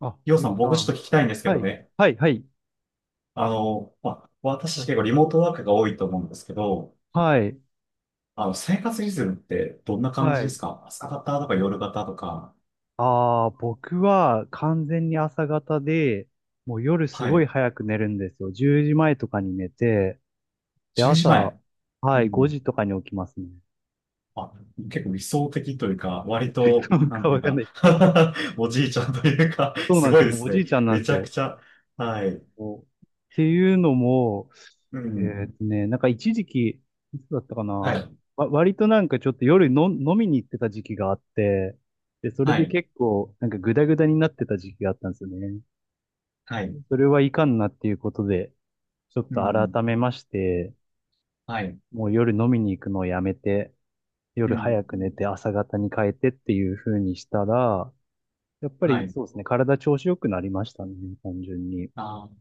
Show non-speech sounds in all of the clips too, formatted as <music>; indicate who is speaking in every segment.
Speaker 1: あ、
Speaker 2: りょう
Speaker 1: ゆ
Speaker 2: さ
Speaker 1: うき
Speaker 2: ん、
Speaker 1: さ
Speaker 2: 僕ちょっ
Speaker 1: ん。
Speaker 2: と聞きたいんですけ
Speaker 1: は
Speaker 2: ど
Speaker 1: い、
Speaker 2: ね。
Speaker 1: はい、はい、
Speaker 2: 私たち結構リモートワークが多いと思うんですけど、
Speaker 1: はい、
Speaker 2: 生活リズムってどんな感じ
Speaker 1: は
Speaker 2: で
Speaker 1: い。
Speaker 2: すか？朝方とか夜方とか、
Speaker 1: ああ、僕は完全に朝方で、もう夜す
Speaker 2: は
Speaker 1: ごい
Speaker 2: い、
Speaker 1: 早く寝るんですよ。10時前とかに寝て、で、
Speaker 2: 10時
Speaker 1: 朝、
Speaker 2: 前。
Speaker 1: は
Speaker 2: う
Speaker 1: い、5
Speaker 2: ん。
Speaker 1: 時とかに起きますね。
Speaker 2: あ、結構理想的というか、割
Speaker 1: <laughs>
Speaker 2: と、
Speaker 1: なん
Speaker 2: なん
Speaker 1: か
Speaker 2: てい
Speaker 1: わ
Speaker 2: う
Speaker 1: かん
Speaker 2: か
Speaker 1: ない。
Speaker 2: <laughs> おじいちゃんというか
Speaker 1: そうな
Speaker 2: す
Speaker 1: んです
Speaker 2: ごい
Speaker 1: よ。
Speaker 2: で
Speaker 1: もうお
Speaker 2: す
Speaker 1: じ
Speaker 2: ね。
Speaker 1: いちゃんなん
Speaker 2: め
Speaker 1: で
Speaker 2: ち
Speaker 1: す
Speaker 2: ゃく
Speaker 1: よ。
Speaker 2: ちゃ。はい。
Speaker 1: そうっていうのも、
Speaker 2: うん。
Speaker 1: なんか一時期、いつだったかな、
Speaker 2: はい。
Speaker 1: 割となんかちょっと夜の飲みに行ってた時期があって、で、それ
Speaker 2: は
Speaker 1: で
Speaker 2: い。
Speaker 1: 結構なんかグダグダになってた時期があったんですよね。
Speaker 2: はい。
Speaker 1: それはいかんなっていうことで、ちょっ
Speaker 2: う
Speaker 1: と
Speaker 2: ん。
Speaker 1: 改めまして、
Speaker 2: はい。
Speaker 1: もう夜飲みに行くのをやめて、
Speaker 2: う
Speaker 1: 夜早く
Speaker 2: ん。
Speaker 1: 寝て朝方に変えてっていう風にしたら、やっぱ
Speaker 2: は
Speaker 1: り
Speaker 2: い。
Speaker 1: そうですね、体調子良くなりましたね、単純に。
Speaker 2: あー、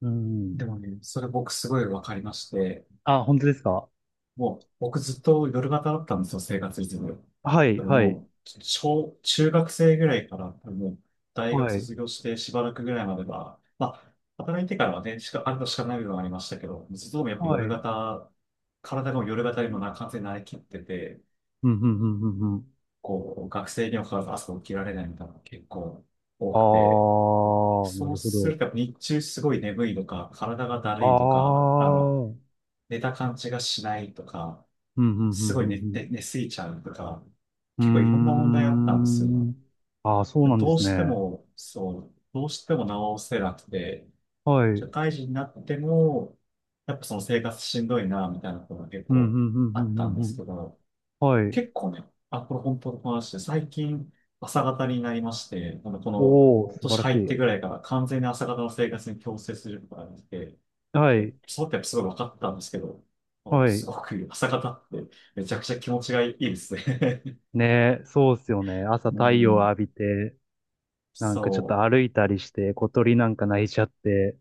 Speaker 1: う
Speaker 2: で
Speaker 1: ん。
Speaker 2: もね、それ僕すごいわかりまして、
Speaker 1: あ、本当ですか？
Speaker 2: もう、僕ずっと夜型だったんですよ、生活リズム。
Speaker 1: はい、
Speaker 2: 多分
Speaker 1: はい。
Speaker 2: もう、小、中学生ぐらいから、多分もう、大学
Speaker 1: はい。
Speaker 2: 卒業してしばらくぐらいまでは、まあ、働いてからはね、しか、あるとしかない部分はありましたけど、ずっともやっぱ
Speaker 1: は
Speaker 2: 夜
Speaker 1: い。
Speaker 2: 型、体がもう夜型に
Speaker 1: う
Speaker 2: も
Speaker 1: ん、
Speaker 2: な、完全に慣れきってて、
Speaker 1: うん、うん、うん。うん。
Speaker 2: こう、学生にもかかわらず朝起きられないみたいなのが結構多
Speaker 1: あ
Speaker 2: くて、
Speaker 1: ー、な
Speaker 2: そう
Speaker 1: るほ
Speaker 2: す
Speaker 1: ど。
Speaker 2: るとやっぱ日中すごい眠いとか、体がだ
Speaker 1: あ
Speaker 2: るいとか、
Speaker 1: あ。うん、
Speaker 2: 寝た感じがしないとか、
Speaker 1: うん、う
Speaker 2: すごい寝て、
Speaker 1: ん、
Speaker 2: 寝すぎちゃうとか、
Speaker 1: う
Speaker 2: 結構いろんな問題あったんです
Speaker 1: ん。うん。うー
Speaker 2: よ。
Speaker 1: ん。ああ、そう
Speaker 2: でも
Speaker 1: なんで
Speaker 2: どう
Speaker 1: す
Speaker 2: して
Speaker 1: ね。
Speaker 2: も、そう、どうしても直せなくて、
Speaker 1: はい。う
Speaker 2: 社
Speaker 1: ん、
Speaker 2: 会人になっても、やっぱその生活しんどいな、みたいなことが結
Speaker 1: うん、う
Speaker 2: 構
Speaker 1: ん、う
Speaker 2: あっ
Speaker 1: ん、
Speaker 2: たん
Speaker 1: うん、
Speaker 2: で
Speaker 1: う
Speaker 2: す
Speaker 1: ん。
Speaker 2: けど、
Speaker 1: はい。
Speaker 2: 結構ね、あ、これ本当の話で、最近朝方になりまして、あの、この
Speaker 1: おー、
Speaker 2: 今
Speaker 1: 素晴
Speaker 2: 年
Speaker 1: らし
Speaker 2: 入っ
Speaker 1: い。
Speaker 2: てぐらいから完全に朝方の生活に強制することができて、
Speaker 1: はい。
Speaker 2: そうってすごい分かったんですけど、あの
Speaker 1: は
Speaker 2: す
Speaker 1: い。
Speaker 2: ごく朝方ってめちゃくちゃ気持ちがいいですね。
Speaker 1: ねえ、そうっすよね。朝
Speaker 2: <laughs> う
Speaker 1: 太陽を
Speaker 2: ん、
Speaker 1: 浴びて、なんかちょっと
Speaker 2: そ
Speaker 1: 歩いたりして、小鳥なんか鳴いちゃって、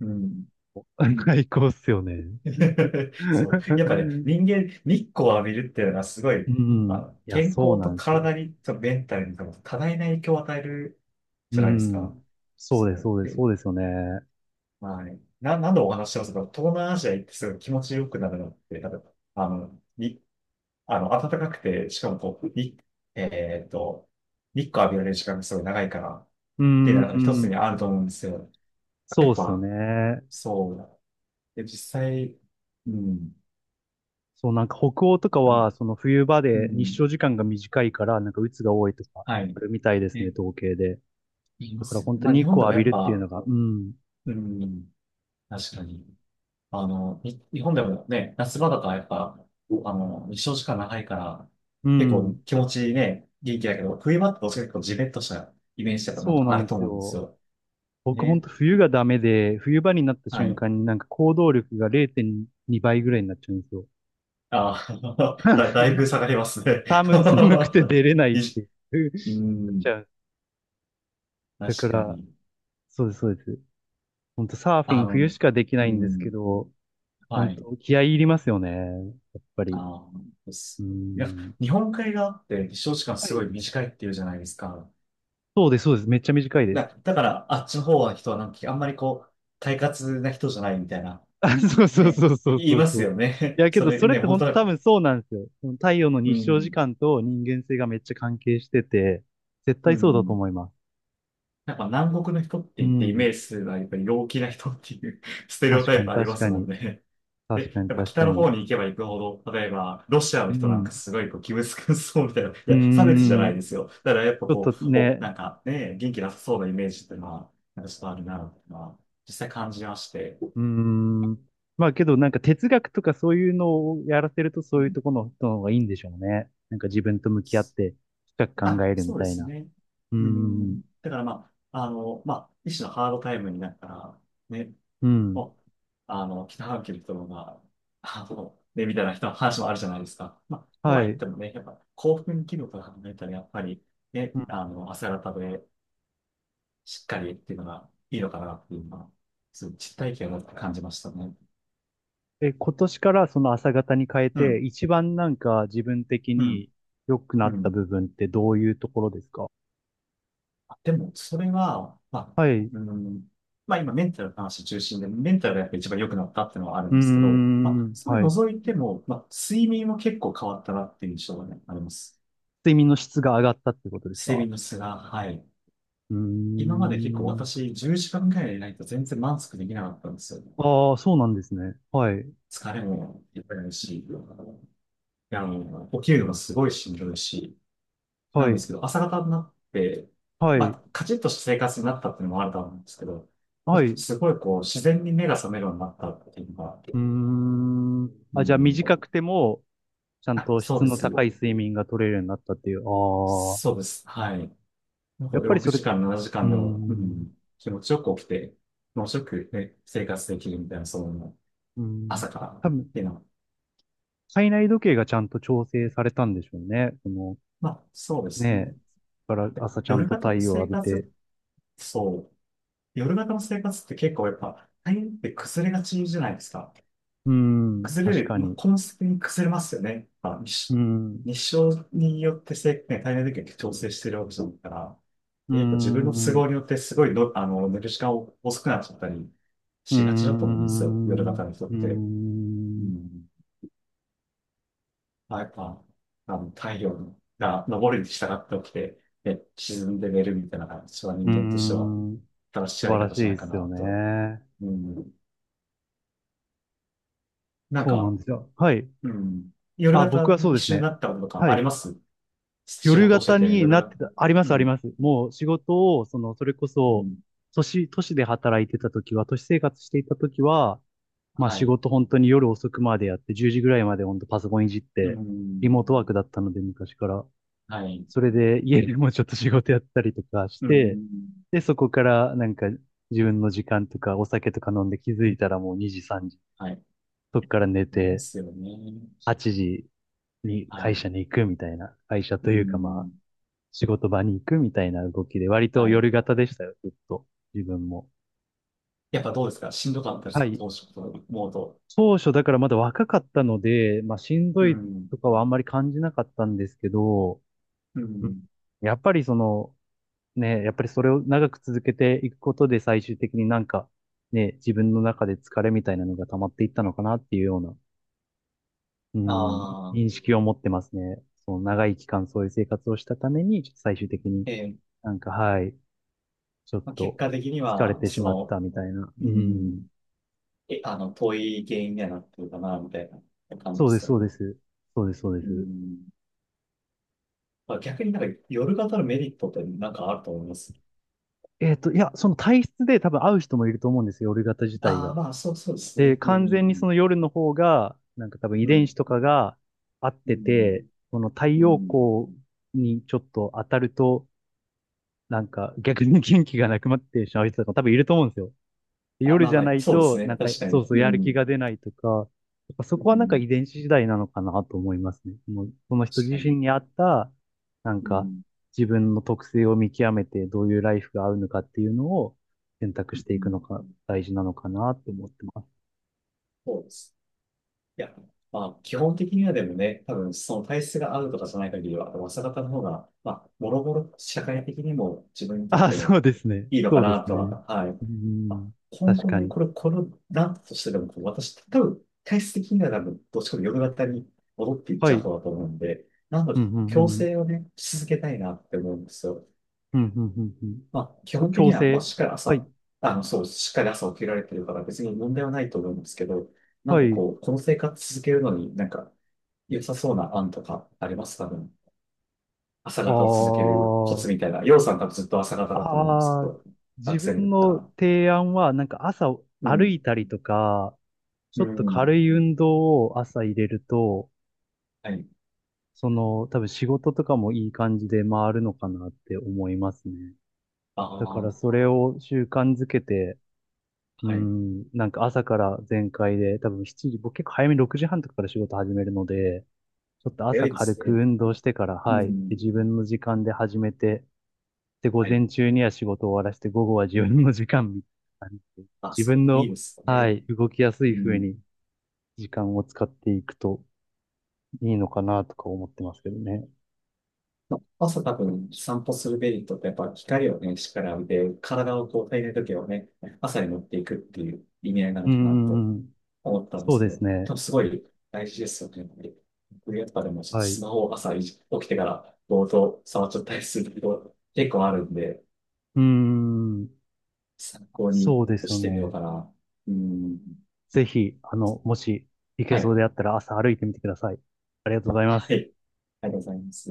Speaker 2: う。うん。
Speaker 1: <laughs> 最高っすよね。
Speaker 2: <laughs>
Speaker 1: <laughs>
Speaker 2: そう。やっぱね、人間、日光を浴びるっていうのはすご
Speaker 1: う
Speaker 2: い、
Speaker 1: ん。いや、
Speaker 2: 健
Speaker 1: そう
Speaker 2: 康
Speaker 1: な
Speaker 2: と
Speaker 1: んですよ。
Speaker 2: 体に、とメンタルに多分多大な影響を与える
Speaker 1: う
Speaker 2: じゃないですか。
Speaker 1: ん。そうです、
Speaker 2: そ
Speaker 1: そうで
Speaker 2: う。
Speaker 1: す、
Speaker 2: で、
Speaker 1: そうですよね。
Speaker 2: はい。な、なんお話ししてますか？東南アジア行ってすごい気持ちよくなるのって、多分、あの、に、あの、暖かくて、しかもこう、に、えっと、日光浴びられる時間がすごい長いから、っ
Speaker 1: う
Speaker 2: ていうのが一つ
Speaker 1: ん。
Speaker 2: にあると思うんですよ。や
Speaker 1: そ
Speaker 2: っ
Speaker 1: うですよ
Speaker 2: ぱ、
Speaker 1: ね。
Speaker 2: そうだ。で、実際、うん、
Speaker 1: そう、なんか北欧とか
Speaker 2: うん、
Speaker 1: は、その冬場
Speaker 2: う
Speaker 1: で日
Speaker 2: ん、
Speaker 1: 照時間が短いから、なんか鬱が多いとか、
Speaker 2: はい。
Speaker 1: あるみたいですね、
Speaker 2: ね、
Speaker 1: 統計で。
Speaker 2: 言いま
Speaker 1: だから
Speaker 2: すよ
Speaker 1: 本
Speaker 2: ね。
Speaker 1: 当
Speaker 2: まあ、
Speaker 1: に
Speaker 2: 日
Speaker 1: 日
Speaker 2: 本
Speaker 1: 光を
Speaker 2: でも
Speaker 1: 浴
Speaker 2: や
Speaker 1: び
Speaker 2: っ
Speaker 1: るっていうの
Speaker 2: ぱ、
Speaker 1: が、うん。
Speaker 2: うん、確かに。あの、い日本でもね、夏場とかやっぱ、日照時間長いから、
Speaker 1: う
Speaker 2: 結構
Speaker 1: ん。
Speaker 2: 気持ちいいね、元気だけど、冬場ってどそちかと結構ジメッとしたイメージとかなん
Speaker 1: そう
Speaker 2: かあ
Speaker 1: な
Speaker 2: る
Speaker 1: んで
Speaker 2: と
Speaker 1: す
Speaker 2: 思うんです
Speaker 1: よ。
Speaker 2: よ。
Speaker 1: 僕本
Speaker 2: ね。
Speaker 1: 当冬がダメで、冬場になった
Speaker 2: は
Speaker 1: 瞬
Speaker 2: い。
Speaker 1: 間になんか行動力が0.2倍ぐらいになっちゃうんですよ。
Speaker 2: ああ、 <laughs> だ、だ
Speaker 1: <laughs>
Speaker 2: いぶ下がりますね。
Speaker 1: 寒くて
Speaker 2: <laughs>
Speaker 1: 出れないっ
Speaker 2: いじ
Speaker 1: ていう。<laughs> な
Speaker 2: う
Speaker 1: っ
Speaker 2: ん、
Speaker 1: ちゃう。
Speaker 2: 確
Speaker 1: だか
Speaker 2: か
Speaker 1: ら、
Speaker 2: に。
Speaker 1: そうです、そうです。ほんとサーフィ
Speaker 2: あ
Speaker 1: ン
Speaker 2: の、
Speaker 1: 冬しかできな
Speaker 2: う
Speaker 1: いんですけ
Speaker 2: ん、
Speaker 1: ど、本
Speaker 2: はい。
Speaker 1: 当気合い入りますよね。やっぱり。
Speaker 2: ああで
Speaker 1: う
Speaker 2: す。いや、
Speaker 1: ん。
Speaker 2: 日本海側って日照時間
Speaker 1: は
Speaker 2: すご
Speaker 1: い。
Speaker 2: い短いっていうじゃないですか。
Speaker 1: そうです、そうです。めっちゃ短いです。
Speaker 2: だ、だから、あっちの方は人はなんか、あんまりこう、快活な人じゃないみたいな、
Speaker 1: <laughs> あ、そう、そう、
Speaker 2: ね、
Speaker 1: そう、そ
Speaker 2: い
Speaker 1: う、
Speaker 2: 言い
Speaker 1: そ
Speaker 2: ま
Speaker 1: う、そ
Speaker 2: す
Speaker 1: う。
Speaker 2: よ
Speaker 1: い
Speaker 2: ね。<laughs>
Speaker 1: や、け
Speaker 2: そ
Speaker 1: ど
Speaker 2: れ
Speaker 1: それっ
Speaker 2: ね、
Speaker 1: て
Speaker 2: 本
Speaker 1: 本
Speaker 2: 当
Speaker 1: 当
Speaker 2: なん
Speaker 1: 多
Speaker 2: か、
Speaker 1: 分そうなんですよ。その太陽の
Speaker 2: う
Speaker 1: 日照時
Speaker 2: ん、
Speaker 1: 間と人間性がめっちゃ関係してて、絶
Speaker 2: う
Speaker 1: 対そうだと
Speaker 2: ん。
Speaker 1: 思います。
Speaker 2: なんか南国の人って
Speaker 1: う
Speaker 2: 言ってイメ
Speaker 1: ん。
Speaker 2: ージするのはやっぱり陽気な人っていう <laughs> ステレオ
Speaker 1: 確
Speaker 2: タ
Speaker 1: か
Speaker 2: イプ
Speaker 1: に、
Speaker 2: ありま
Speaker 1: 確
Speaker 2: す
Speaker 1: か
Speaker 2: もん
Speaker 1: に。
Speaker 2: ね。
Speaker 1: 確か
Speaker 2: で、
Speaker 1: に、
Speaker 2: やっぱ
Speaker 1: 確
Speaker 2: 北
Speaker 1: か
Speaker 2: の
Speaker 1: に。
Speaker 2: 方に行けば行くほど、例えばロシア
Speaker 1: う
Speaker 2: の人なんか
Speaker 1: ん。
Speaker 2: すごいこう気難しそうみたいな、い
Speaker 1: うー
Speaker 2: や、差別じゃな
Speaker 1: ん。
Speaker 2: いです
Speaker 1: ち
Speaker 2: よ。だからやっぱ
Speaker 1: ょっ
Speaker 2: こ
Speaker 1: と
Speaker 2: う、お、
Speaker 1: ね、
Speaker 2: なんかね、元気なさそうなイメージっていうのは、なんかちょっとあるな、っていうのは実際感じまして。
Speaker 1: うーん。まあけどなんか哲学とかそういうのをやらせると
Speaker 2: う
Speaker 1: そういう
Speaker 2: ん、
Speaker 1: ところの人の方がいいんでしょうね。なんか自分と向き合って深
Speaker 2: ま
Speaker 1: く考
Speaker 2: あ、
Speaker 1: える
Speaker 2: そ
Speaker 1: み
Speaker 2: うで
Speaker 1: たい
Speaker 2: す
Speaker 1: な。
Speaker 2: ね。
Speaker 1: うー
Speaker 2: う
Speaker 1: ん。
Speaker 2: ん。だからまあ、一種のハードタイムになったら、ね、
Speaker 1: うん。
Speaker 2: もう、北半球の人が、あの、ね、みたいな人の話もあるじゃないですか。まあ、と
Speaker 1: は
Speaker 2: は言っ
Speaker 1: い。
Speaker 2: てもね、やっぱ興奮気分から考えたら、やっぱりね、ね、
Speaker 1: うん。
Speaker 2: 朝方でしっかりっていうのがいいのかなっていうのは、そういう実体験を持って感じましたね。
Speaker 1: え、今年からその朝方に変え
Speaker 2: う
Speaker 1: て
Speaker 2: ん、
Speaker 1: 一番なんか自分的
Speaker 2: うん、
Speaker 1: に良くな
Speaker 2: う
Speaker 1: った
Speaker 2: ん。
Speaker 1: 部分ってどういうところですか？
Speaker 2: あ、でも、それは、まあ、
Speaker 1: はい。う
Speaker 2: うん、まあ今メンタルの話中心で、メンタルがやっぱ一番良くなったっていうのはある
Speaker 1: ー
Speaker 2: んですけど、まあ、
Speaker 1: ん。
Speaker 2: それ
Speaker 1: はい。
Speaker 2: 除いても、まあ、睡眠も結構変わったなっていう印象がね、あります。
Speaker 1: 睡眠の質が上がったってことです
Speaker 2: 睡
Speaker 1: か？
Speaker 2: 眠の質が、はい。
Speaker 1: うー
Speaker 2: 今まで結構
Speaker 1: ん。
Speaker 2: 私、10時間ぐらいでないと全然満足できなかったんですよ。
Speaker 1: ああ、そうなんですね。はい。
Speaker 2: 疲れもいっぱいあるし、起きるのがすごいしんどいし、な
Speaker 1: は
Speaker 2: んで
Speaker 1: い。
Speaker 2: すけど、朝方になって、
Speaker 1: は
Speaker 2: ま
Speaker 1: い。
Speaker 2: あ、カチッとした生活になったっていうのもあると思うんですけど、ま
Speaker 1: は
Speaker 2: あ、
Speaker 1: い。
Speaker 2: すごいこう、自然に目が覚めるようになったっていうのが、
Speaker 1: うーん。
Speaker 2: う
Speaker 1: あ、じゃあ短
Speaker 2: ん、
Speaker 1: くても、ちゃん
Speaker 2: あ、
Speaker 1: と
Speaker 2: そう
Speaker 1: 質
Speaker 2: で
Speaker 1: の
Speaker 2: す。
Speaker 1: 高い睡眠が取れるようになったっていう。ああ。
Speaker 2: そうです。はい。なんか
Speaker 1: やっぱり
Speaker 2: 6
Speaker 1: それ、う
Speaker 2: 時間、7時
Speaker 1: ー
Speaker 2: 間でも、う
Speaker 1: ん。
Speaker 2: ん、気持ちよく起きて、気持ちよくね、生活できるみたいな、その、
Speaker 1: うーん。
Speaker 2: 朝から
Speaker 1: 多
Speaker 2: っ
Speaker 1: 分、
Speaker 2: ていうのは、
Speaker 1: 体内時計がちゃんと調整されたんでしょうね。この、
Speaker 2: まあ、そうですね。
Speaker 1: ねえ。だから朝ちゃん
Speaker 2: 夜
Speaker 1: と
Speaker 2: 型
Speaker 1: 太
Speaker 2: の
Speaker 1: 陽を
Speaker 2: 生
Speaker 1: 浴び
Speaker 2: 活、
Speaker 1: て。
Speaker 2: そう。夜型の生活って結構やっぱ、大変って崩れがちじゃないですか。
Speaker 1: うーん。
Speaker 2: 崩
Speaker 1: 確
Speaker 2: れる、
Speaker 1: か
Speaker 2: まあ、
Speaker 1: に。
Speaker 2: コンスペに崩れますよね。まあ、日
Speaker 1: うー
Speaker 2: 照
Speaker 1: ん。
Speaker 2: 日照によってせ、ね、体内時計調整してるわけじゃないから、
Speaker 1: うー
Speaker 2: やっぱ自分の都
Speaker 1: ん。
Speaker 2: 合
Speaker 1: う
Speaker 2: によってすごいの、寝る時間を遅くなっちゃったり
Speaker 1: ー
Speaker 2: しがちだと思うんですよ。夜
Speaker 1: ん。
Speaker 2: 型の人っ
Speaker 1: うー
Speaker 2: て。う
Speaker 1: ん。
Speaker 2: ん。まあ、やっぱ、太陽が昇るに従って起きて、ね、沈んで寝るみたいなのが一番
Speaker 1: うー
Speaker 2: 人間としては
Speaker 1: ん。
Speaker 2: 正しい
Speaker 1: 素
Speaker 2: やり
Speaker 1: 晴ら
Speaker 2: 方
Speaker 1: しい
Speaker 2: じゃない
Speaker 1: で
Speaker 2: か
Speaker 1: す
Speaker 2: な
Speaker 1: よ
Speaker 2: と。
Speaker 1: ね。
Speaker 2: うん。なん
Speaker 1: そうなん
Speaker 2: か、
Speaker 1: ですよ。はい。
Speaker 2: うん。夜
Speaker 1: あ、僕
Speaker 2: 型
Speaker 1: はそう
Speaker 2: に一
Speaker 1: です
Speaker 2: 緒に
Speaker 1: ね。
Speaker 2: なったこととか
Speaker 1: は
Speaker 2: あり
Speaker 1: い。
Speaker 2: ます？仕
Speaker 1: 夜
Speaker 2: 事をして
Speaker 1: 型
Speaker 2: て、
Speaker 1: に
Speaker 2: 夜
Speaker 1: なっ
Speaker 2: が、
Speaker 1: てた、ありま
Speaker 2: う
Speaker 1: す、あり
Speaker 2: ん、
Speaker 1: ます。もう仕事を、その、それこ
Speaker 2: う
Speaker 1: そ、
Speaker 2: ん、
Speaker 1: 都市で働いてた時は、都市生活していた時は、まあ
Speaker 2: は
Speaker 1: 仕
Speaker 2: い、
Speaker 1: 事本当に夜遅くまでやって、10時ぐらいまで本当パソコンいじっ
Speaker 2: う
Speaker 1: て、リ
Speaker 2: ん、
Speaker 1: モートワークだったので、昔から。
Speaker 2: はい、
Speaker 1: それで家でもちょっと仕事やったりとかし
Speaker 2: う
Speaker 1: て、
Speaker 2: ん、
Speaker 1: で、そこからなんか自分の時間とかお酒とか飲んで気づいたらもう2時、3時。
Speaker 2: はい。
Speaker 1: そこから寝
Speaker 2: で
Speaker 1: て、
Speaker 2: すよね。
Speaker 1: 8時に
Speaker 2: は
Speaker 1: 会
Speaker 2: い、
Speaker 1: 社に行くみたいな、会社
Speaker 2: う
Speaker 1: というかま
Speaker 2: ん、
Speaker 1: 仕事場に行くみたいな動きで、割と
Speaker 2: はい。
Speaker 1: 夜型でしたよ、ずっと。自分も。
Speaker 2: やっぱどうですかしんどかったです
Speaker 1: は
Speaker 2: か
Speaker 1: い。
Speaker 2: 当初と思うと。
Speaker 1: 当初だからまだ若かったので、まあしん
Speaker 2: う
Speaker 1: どい
Speaker 2: ん、
Speaker 1: とかはあんまり感じなかったんですけど、
Speaker 2: う
Speaker 1: うん、
Speaker 2: ん。
Speaker 1: やっぱりその、ね、やっぱりそれを長く続けていくことで最終的になんか、ね、自分の中で疲れみたいなのが溜まっていったのかなっていうような、う
Speaker 2: あ
Speaker 1: ん、
Speaker 2: あ、
Speaker 1: 認識を持ってますね。その長い期間そういう生活をしたために、ちょっと最終的に
Speaker 2: ええ、
Speaker 1: なんか、はい、ちょっ
Speaker 2: まあ、結
Speaker 1: と
Speaker 2: 果的に
Speaker 1: 疲れ
Speaker 2: は、
Speaker 1: てし
Speaker 2: そ
Speaker 1: まった
Speaker 2: の、
Speaker 1: みたいな。う
Speaker 2: う
Speaker 1: ん。
Speaker 2: ん、え、遠い原因にはなってるかな、みたいな感
Speaker 1: そう
Speaker 2: じで
Speaker 1: です、
Speaker 2: すよ
Speaker 1: そうで
Speaker 2: ね。
Speaker 1: す。そうです、そうで
Speaker 2: う
Speaker 1: す。
Speaker 2: ん。まあ、逆になんか夜型のメリットってなんかあると思います。
Speaker 1: いや、その体質で多分合う人もいると思うんですよ、夜型自体
Speaker 2: ああ、
Speaker 1: が。
Speaker 2: まあ、そう、そうです
Speaker 1: で、
Speaker 2: ね。う
Speaker 1: 完全にそ
Speaker 2: ん。
Speaker 1: の夜の方が、なんか多分遺
Speaker 2: う
Speaker 1: 伝
Speaker 2: ん、
Speaker 1: 子とかが合っ
Speaker 2: う
Speaker 1: て
Speaker 2: ん、
Speaker 1: て、その太
Speaker 2: う
Speaker 1: 陽
Speaker 2: ん。
Speaker 1: 光にちょっと当たると、なんか逆に元気がなくなってしまう人とかも多分いると思うんですよ。
Speaker 2: あ、
Speaker 1: 夜
Speaker 2: まあ
Speaker 1: じゃ
Speaker 2: まあ、
Speaker 1: ない
Speaker 2: そうです
Speaker 1: と、
Speaker 2: ね。
Speaker 1: なんか、
Speaker 2: 確か
Speaker 1: そう、
Speaker 2: に。
Speaker 1: そう、や
Speaker 2: う
Speaker 1: る気
Speaker 2: ん、
Speaker 1: が出ないとか、やっぱそ
Speaker 2: う
Speaker 1: こはなんか
Speaker 2: ん、
Speaker 1: 遺伝子次第なのかなと思いますね。もう、その人
Speaker 2: 確
Speaker 1: 自
Speaker 2: か
Speaker 1: 身
Speaker 2: に。
Speaker 1: に合った、なん
Speaker 2: う
Speaker 1: か、
Speaker 2: ん、
Speaker 1: 自分の特性を見極めて、どういうライフが合うのかっていうのを選択
Speaker 2: う
Speaker 1: していく
Speaker 2: ん、
Speaker 1: のが大事なのかなって思ってます。
Speaker 2: そうです。いや、まあ、基本的にはでもね、多分、その体質が合うとかじゃない限りは、朝方の方が、まあ、もろもろ社会的にも自分にとっ
Speaker 1: ああ、
Speaker 2: て
Speaker 1: そう
Speaker 2: も
Speaker 1: ですね。
Speaker 2: いいのか
Speaker 1: そうで
Speaker 2: な
Speaker 1: す
Speaker 2: とは、
Speaker 1: ね。
Speaker 2: はい。
Speaker 1: う
Speaker 2: まあ、
Speaker 1: ん、
Speaker 2: 今
Speaker 1: 確
Speaker 2: 後
Speaker 1: か
Speaker 2: ね、
Speaker 1: に。
Speaker 2: これ、このランプとしてでも、こう私、多分、体質的には多分、どっちかというと夜型に戻っていっ
Speaker 1: は
Speaker 2: ちゃう
Speaker 1: い。
Speaker 2: 方だと思うんで、なの
Speaker 1: う
Speaker 2: で、
Speaker 1: ん、うん、
Speaker 2: 強
Speaker 1: うん。
Speaker 2: 制をね、し続けたいなって思うんですよ。
Speaker 1: うん、うん、うん、うん。
Speaker 2: まあ、基
Speaker 1: そう、
Speaker 2: 本的
Speaker 1: 強
Speaker 2: には、まあ、
Speaker 1: 制。
Speaker 2: しっかり
Speaker 1: はい、
Speaker 2: 朝、そう、しっかり朝起きられてるから別に問題はないと思うんですけど、なん
Speaker 1: は
Speaker 2: か
Speaker 1: い。
Speaker 2: こう、この生活続けるのになんか良さそうな案とかありますかね。朝
Speaker 1: あ
Speaker 2: 方を続けるコツ
Speaker 1: あ。
Speaker 2: みたいな。ようさん多分ずっと朝方だと思うんですけ
Speaker 1: ああ、
Speaker 2: ど、
Speaker 1: 自
Speaker 2: 学生だ
Speaker 1: 分
Speaker 2: った
Speaker 1: の
Speaker 2: ら。
Speaker 1: 提案は、なんか朝
Speaker 2: う
Speaker 1: 歩
Speaker 2: ん。
Speaker 1: いたりとか、ち
Speaker 2: う
Speaker 1: ょっと
Speaker 2: ん。
Speaker 1: 軽い運動を朝入れると、
Speaker 2: はい。
Speaker 1: その、多分仕事とかもいい感じで回るのかなって思いますね。
Speaker 2: あ
Speaker 1: だから
Speaker 2: あ、
Speaker 1: それを習慣づけて、う
Speaker 2: はい。
Speaker 1: ん、なんか朝から全開で、多分7時、僕結構早めに6時半とかから仕事始めるので、ちょっと
Speaker 2: 早
Speaker 1: 朝
Speaker 2: いで
Speaker 1: 軽
Speaker 2: す
Speaker 1: く
Speaker 2: ね。
Speaker 1: 運動してから、
Speaker 2: う
Speaker 1: はい、で
Speaker 2: ん。
Speaker 1: 自分の時間で始めて、で、午
Speaker 2: はい。
Speaker 1: 前中には仕事を終わらせて、午後は自分の時間みたいな感じで、
Speaker 2: あ、
Speaker 1: 自
Speaker 2: それ
Speaker 1: 分
Speaker 2: もいい
Speaker 1: の、
Speaker 2: です
Speaker 1: は
Speaker 2: ね。
Speaker 1: い、動きやす
Speaker 2: う
Speaker 1: い風
Speaker 2: ん。
Speaker 1: に時間を使っていくといいのかなとか思ってますけどね。
Speaker 2: 朝多分散歩するメリットってやっぱ光をね、しっかり浴びて、体をこう体内時計をね、朝に持っていくっていう意味合いな
Speaker 1: う
Speaker 2: の
Speaker 1: ー
Speaker 2: かなと
Speaker 1: ん、
Speaker 2: 思ったんで
Speaker 1: そう
Speaker 2: すけ
Speaker 1: で
Speaker 2: ど、
Speaker 1: す
Speaker 2: 多
Speaker 1: ね。
Speaker 2: 分すごい大事ですよね。やっぱり僕やっぱでもちょっと
Speaker 1: はい。
Speaker 2: ス
Speaker 1: う
Speaker 2: マホを朝起きてからぼーっと触っちゃったりすること結構あるんで、
Speaker 1: ーん、
Speaker 2: 参考に
Speaker 1: そうですよ
Speaker 2: してみよう
Speaker 1: ね。
Speaker 2: かな。うん。
Speaker 1: ぜひ、あの、もし行け
Speaker 2: は
Speaker 1: そ
Speaker 2: い。
Speaker 1: うであったら朝歩いてみてください。ありがとうございま
Speaker 2: は
Speaker 1: す。
Speaker 2: い。ありがとうございます。